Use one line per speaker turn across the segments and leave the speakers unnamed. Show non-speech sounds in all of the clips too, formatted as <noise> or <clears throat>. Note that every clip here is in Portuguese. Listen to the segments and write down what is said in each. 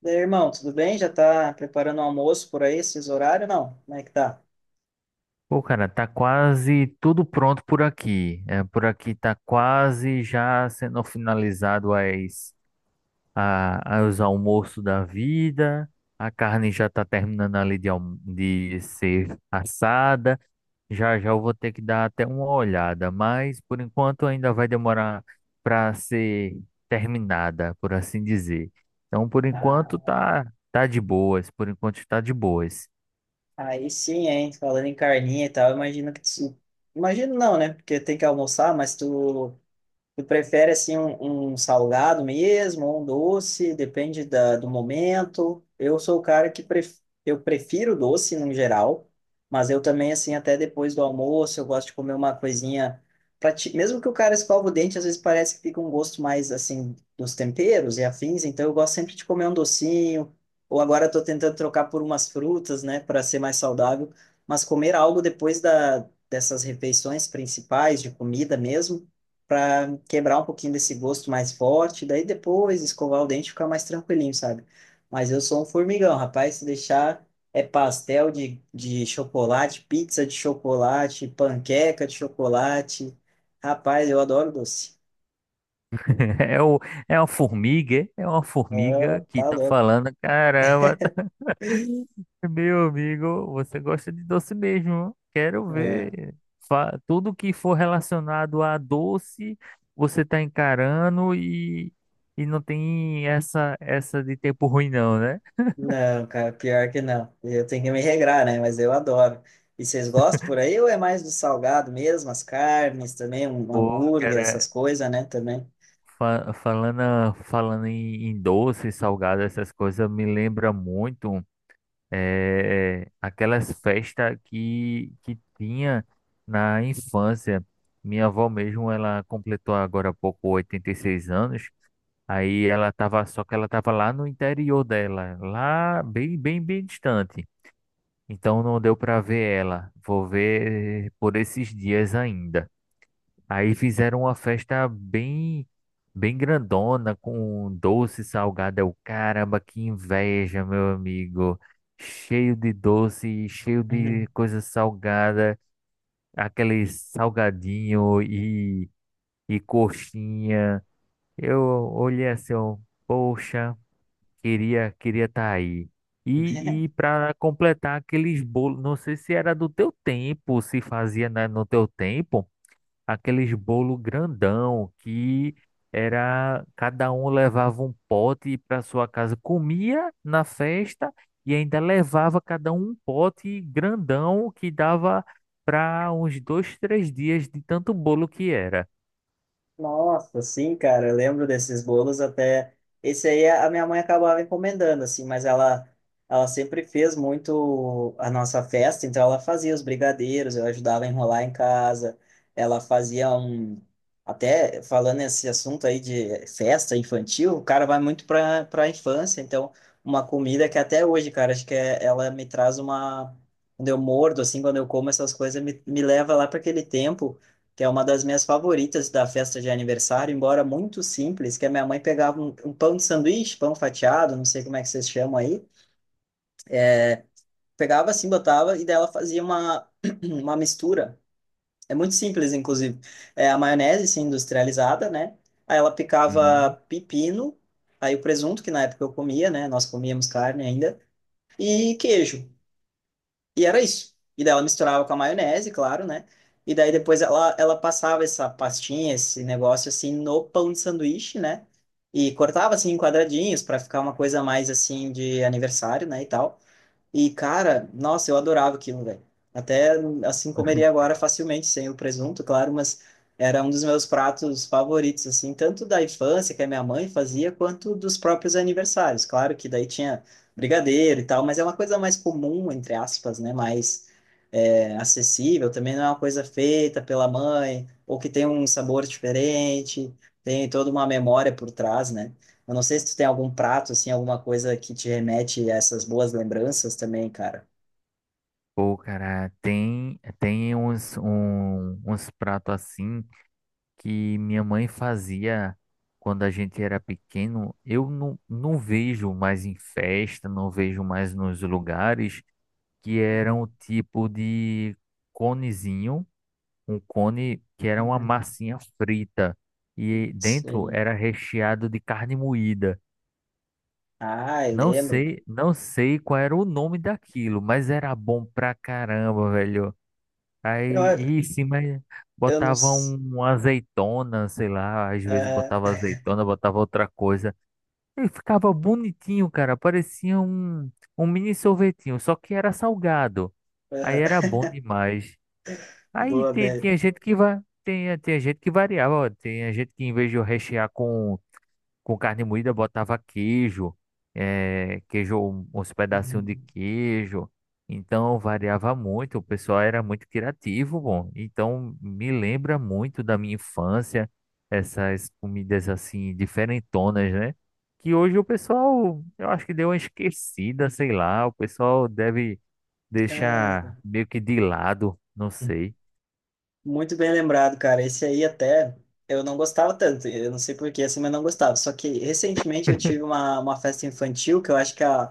Daí, irmão, tudo bem? Já tá preparando o almoço por aí, esses horários? Não, como é que tá?
Pô, cara, tá quase tudo pronto por aqui. É, por aqui tá quase já sendo finalizado os almoços da vida. A carne já tá terminando ali de ser assada. Já já eu vou ter que dar até uma olhada, mas por enquanto ainda vai demorar para ser terminada, por assim dizer. Então,
Ah,
tá de boas. Por enquanto está de boas.
aí sim, hein? Falando em carninha e tal, imagino que tu... Imagino não, né? Porque tem que almoçar, mas tu. Tu prefere assim um salgado mesmo, ou um doce, depende da, do momento. Eu sou o cara que pref... eu prefiro doce no geral, mas eu também assim até depois do almoço eu gosto de comer uma coisinha pra ti... mesmo que o cara escova o dente, às vezes parece que fica um gosto mais assim dos temperos e afins, então eu gosto sempre de comer um docinho, ou agora estou tentando trocar por umas frutas, né, para ser mais saudável, mas comer algo depois da dessas refeições principais de comida mesmo para quebrar um pouquinho desse gosto mais forte, daí depois escovar o dente e ficar mais tranquilinho, sabe? Mas eu sou um formigão, rapaz, se deixar é pastel de chocolate, pizza de chocolate, panqueca de chocolate. Rapaz, eu adoro doce.
<laughs> É, o, é uma formiga
Ah,
que
tá
tá
louco.
falando, caramba, <laughs> meu amigo, você gosta de doce mesmo, quero
É.
ver. Tudo que for relacionado a doce, você tá encarando e não tem essa de tempo ruim não, né?
Não, cara, pior que não. Eu tenho que me regrar, né? Mas eu adoro. E vocês gostam por aí ou é mais do salgado mesmo? As carnes também, um
Pô,
hambúrguer, essas
cara,
coisas, né? Também.
falando em doce, salgado, essas coisas, me lembra muito. Aquelas festas que tinha na infância. Minha avó mesmo, ela completou agora há pouco 86 anos. Aí ela tava, só que ela tava lá no interior dela, lá bem distante. Então não deu para ver ela. Vou ver por esses dias ainda. Aí fizeram uma festa bem grandona, com doce salgado. Eu, caramba, que inveja, meu amigo. Cheio de doce, cheio de
<laughs>
coisa salgada, aquele salgadinho e coxinha. Eu olhei assim, eu, poxa, queria estar aí. E para completar aqueles bolos, não sei se era do teu tempo, se fazia, né, no teu tempo aqueles bolo grandão que era cada um levava um pote para sua casa, comia na festa e ainda levava cada um um pote grandão que dava para uns dois, três dias de tanto bolo que era.
Nossa, sim, cara, eu lembro desses bolos até. Esse aí a minha mãe acabava encomendando, assim, mas ela sempre fez muito a nossa festa, então ela fazia os brigadeiros, eu ajudava a enrolar em casa, ela fazia um. Até falando nesse assunto aí de festa infantil, o cara vai muito para a infância, então uma comida que até hoje, cara, acho que é, ela me traz uma. Quando eu mordo, assim, quando eu como essas coisas, me leva lá para aquele tempo que é uma das minhas favoritas da festa de aniversário, embora muito simples, que a minha mãe pegava um pão de sanduíche, pão fatiado, não sei como é que vocês chamam aí, é, pegava assim, botava e dela fazia uma, <clears throat> uma mistura. É muito simples, inclusive. É a maionese, assim, industrializada, né? Aí ela picava
Hum.
pepino, aí o presunto, que na época eu comia, né? Nós comíamos carne ainda, e queijo. E era isso. E daí ela misturava com a maionese, claro, né? E daí depois ela passava essa pastinha, esse negócio assim no pão de sanduíche, né? E cortava assim em quadradinhos para ficar uma coisa mais assim de aniversário, né? E tal. E, cara, nossa, eu adorava aquilo, velho. Até assim comeria agora facilmente, sem o presunto, claro, mas era um dos meus pratos favoritos, assim, tanto da infância, que a minha mãe fazia, quanto dos próprios aniversários. Claro que daí tinha brigadeiro e tal, mas é uma coisa mais comum, entre aspas, né? Mais é, acessível, também não é uma coisa feita pela mãe, ou que tem um sabor diferente, tem toda uma memória por trás, né? Eu não sei se tu tem algum prato, assim, alguma coisa que te remete a essas boas lembranças também, cara.
Pô, cara, tem uns pratos assim que minha mãe fazia quando a gente era pequeno, eu não, não vejo mais em festa, não vejo mais nos lugares, que era
Uhum.
um tipo de conezinho, um cone que era uma massinha frita e dentro
Sim.
era recheado de carne moída.
Ah, eu lembro.
Não sei qual era o nome daquilo, mas era bom pra caramba, velho.
Eu,
Aí, em cima
eu não.
botava
s-
uma azeitona, sei lá, às vezes
ah,
botava
ah,
azeitona, botava outra coisa. E ficava bonitinho, cara, parecia um mini sorvetinho, só que era salgado. Aí era
<laughs>
bom demais.
boa, velho.
Tinha gente que vai, tinha gente que variava, ó, tinha gente que em vez de eu rechear com carne moída, botava queijo, queijo, uns pedacinhos de
Uhum.
queijo. Então variava muito, o pessoal era muito criativo, bom. Então me lembra muito da minha infância, essas comidas assim diferentonas, né? Que hoje o pessoal, eu acho que deu uma esquecida, sei lá, o pessoal deve deixar
Cara.
meio que de lado, não sei.
Muito bem lembrado, cara. Esse aí até eu não gostava tanto, eu não sei por que, assim, mas não gostava. Só que recentemente eu tive uma festa infantil que eu acho que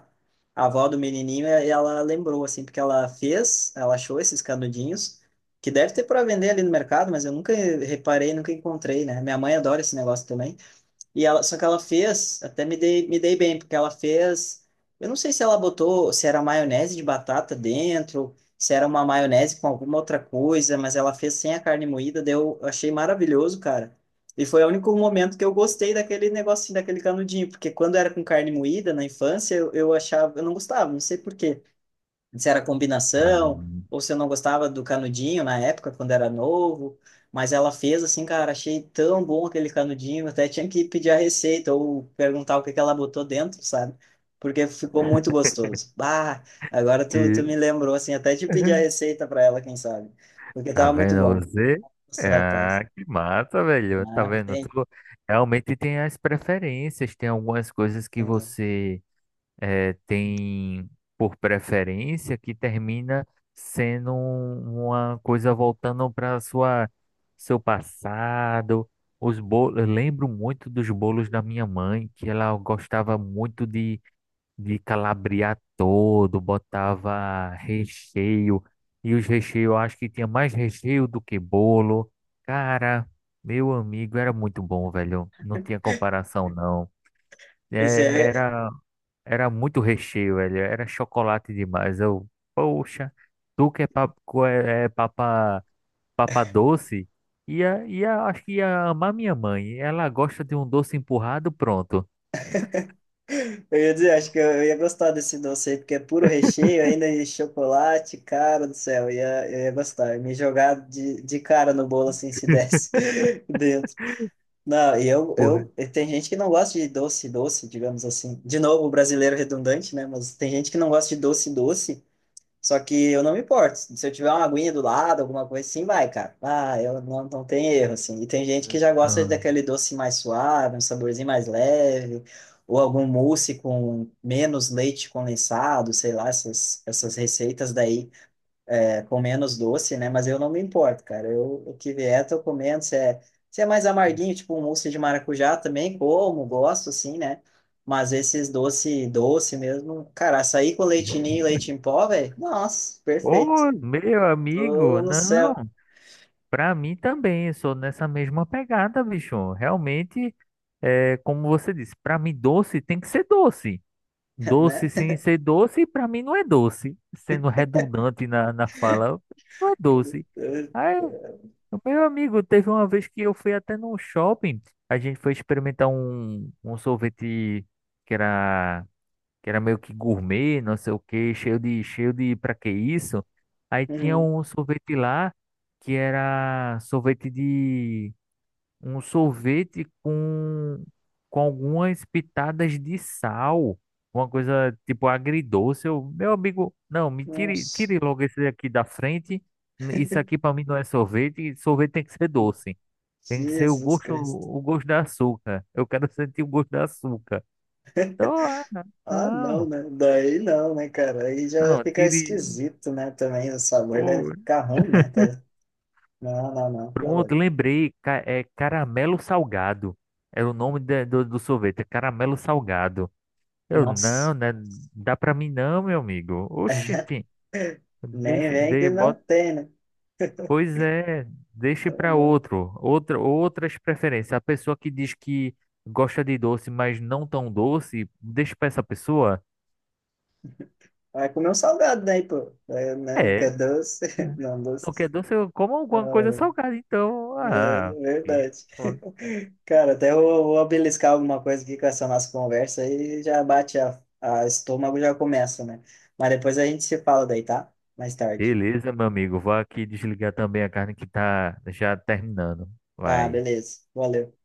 a avó do menininho, ela lembrou, assim, porque ela fez, ela achou esses canudinhos, que deve ter para vender ali no mercado, mas eu nunca reparei, nunca encontrei, né? Minha mãe adora esse negócio também. E ela, só que ela fez, me dei bem, porque ela fez, eu não sei se ela botou, se era maionese de batata dentro, se era uma maionese com alguma outra coisa, mas ela fez sem a carne moída, daí eu achei maravilhoso, cara. E foi o único momento que eu gostei daquele negocinho, daquele canudinho, porque quando era com carne moída, na infância, eu achava, eu não gostava, não sei por quê se era combinação,
Não.
ou se eu não gostava do canudinho na época, quando era novo. Mas ela fez assim, cara, achei tão bom aquele canudinho, até tinha que pedir a receita ou perguntar o que que ela botou dentro, sabe? Porque ficou muito gostoso. Bah, agora
E
tu me lembrou, assim, até de pedir a
<laughs>
receita para ela, quem sabe? Porque
Tá
tava muito
vendo
bom.
você?
Nossa,
Ah,
rapaz.
que massa, velho. Tá
Ah,
vendo? Tu
tem,
realmente tem as preferências, tem algumas coisas que
tem.
tem por preferência que termina sendo uma coisa voltando para sua seu passado. Os bolos, eu lembro muito dos bolos da minha mãe, que ela gostava muito de calabriar todo, botava recheio, e os recheios, eu acho que tinha mais recheio do que bolo. Cara, meu amigo, era muito bom, velho. Não tinha comparação, não. É,
Esse é.
era, era muito recheio, velho. Era chocolate demais. Eu, poxa, tu que é papa, é papa, papa doce, ia, acho que ia amar minha mãe. Ela gosta de um doce empurrado, pronto.
Eu ia dizer, acho que eu ia gostar desse doce aí, porque é puro recheio, ainda de chocolate, cara do céu, eu ia gostar. Eu me jogar de cara no bolo assim, se desse
<laughs>
<laughs> dentro. Não, e tem gente que não gosta de doce, doce, digamos assim. De novo, o brasileiro redundante, né? Mas tem gente que não gosta de doce, doce. Só que eu não me importo. Se eu tiver uma aguinha do lado, alguma coisa assim, vai, cara. Ah, eu não, não tem erro, assim. E tem gente que já gosta
Porra.
daquele doce mais suave, um saborzinho mais leve, ou algum mousse com menos leite condensado, sei lá, essas receitas daí é, com menos doce, né? Mas eu não me importo, cara. Eu, o que vier, tô comendo. Se é mais amarguinho, tipo um mousse de maracujá também, como, gosto, assim, né? Mas esses doce, doce mesmo, cara, açaí com leite ninho e leite em pó, velho, nossa, perfeito.
Ô, meu
Tô
amigo,
no
não,
céu,
pra mim também, eu sou nessa mesma pegada, bicho. Realmente, é, como você disse, pra mim doce tem que ser doce.
<laughs>
Doce
né?
sem ser doce, pra mim não é doce. Sendo redundante na fala, não é doce. Aí, meu amigo, teve uma vez que eu fui até num shopping, a gente foi experimentar um sorvete que era que era meio que gourmet, não sei o que cheio de, pra que isso? Aí tinha
Uhum.
um sorvete lá que era um sorvete com algumas pitadas de sal, uma coisa tipo agridoce. Eu, meu amigo, não,
Nossa,
tire logo esse daqui da frente. Isso aqui pra mim não é sorvete, sorvete tem que ser doce. Tem que ser
Jesus Cristo.
o gosto da açúcar. Eu quero sentir o gosto da açúcar. Então, ah,
Ah, não,
não.
né? Daí não, né, cara? Aí já
Não,
fica
tire.
esquisito, né? Também o sabor deve
Pô,
ficar ruim, né? Tá- Não, não, não, tá louco.
pronto, lembrei. É caramelo salgado. É o nome do sorvete, é caramelo salgado. Eu,
Nossa.
não, né? Dá pra mim não, meu amigo.
<laughs>
Oxente,
Nem vem que não
bota,
tem, né?
pois é, deixe
Pelo
pra
amor.
outro. Outras preferências. A pessoa que diz que gosta de doce, mas não tão doce, deixa pra essa pessoa.
Vai comer um salgado daí, pô. É, né? Não
É,
quer doce? <laughs>
né?
Não,
Não quer
doce.
doce, eu como
Ah,
alguma coisa salgada, então.
é é
Ah, ok.
verdade. <laughs> Cara, até eu vou beliscar alguma coisa aqui com essa nossa conversa e já bate a estômago, já começa, né? Mas depois a gente se fala daí, tá? Mais tarde.
Beleza, meu amigo. Vou aqui desligar também a carne que tá já terminando.
Ah,
Vai.
beleza. Valeu.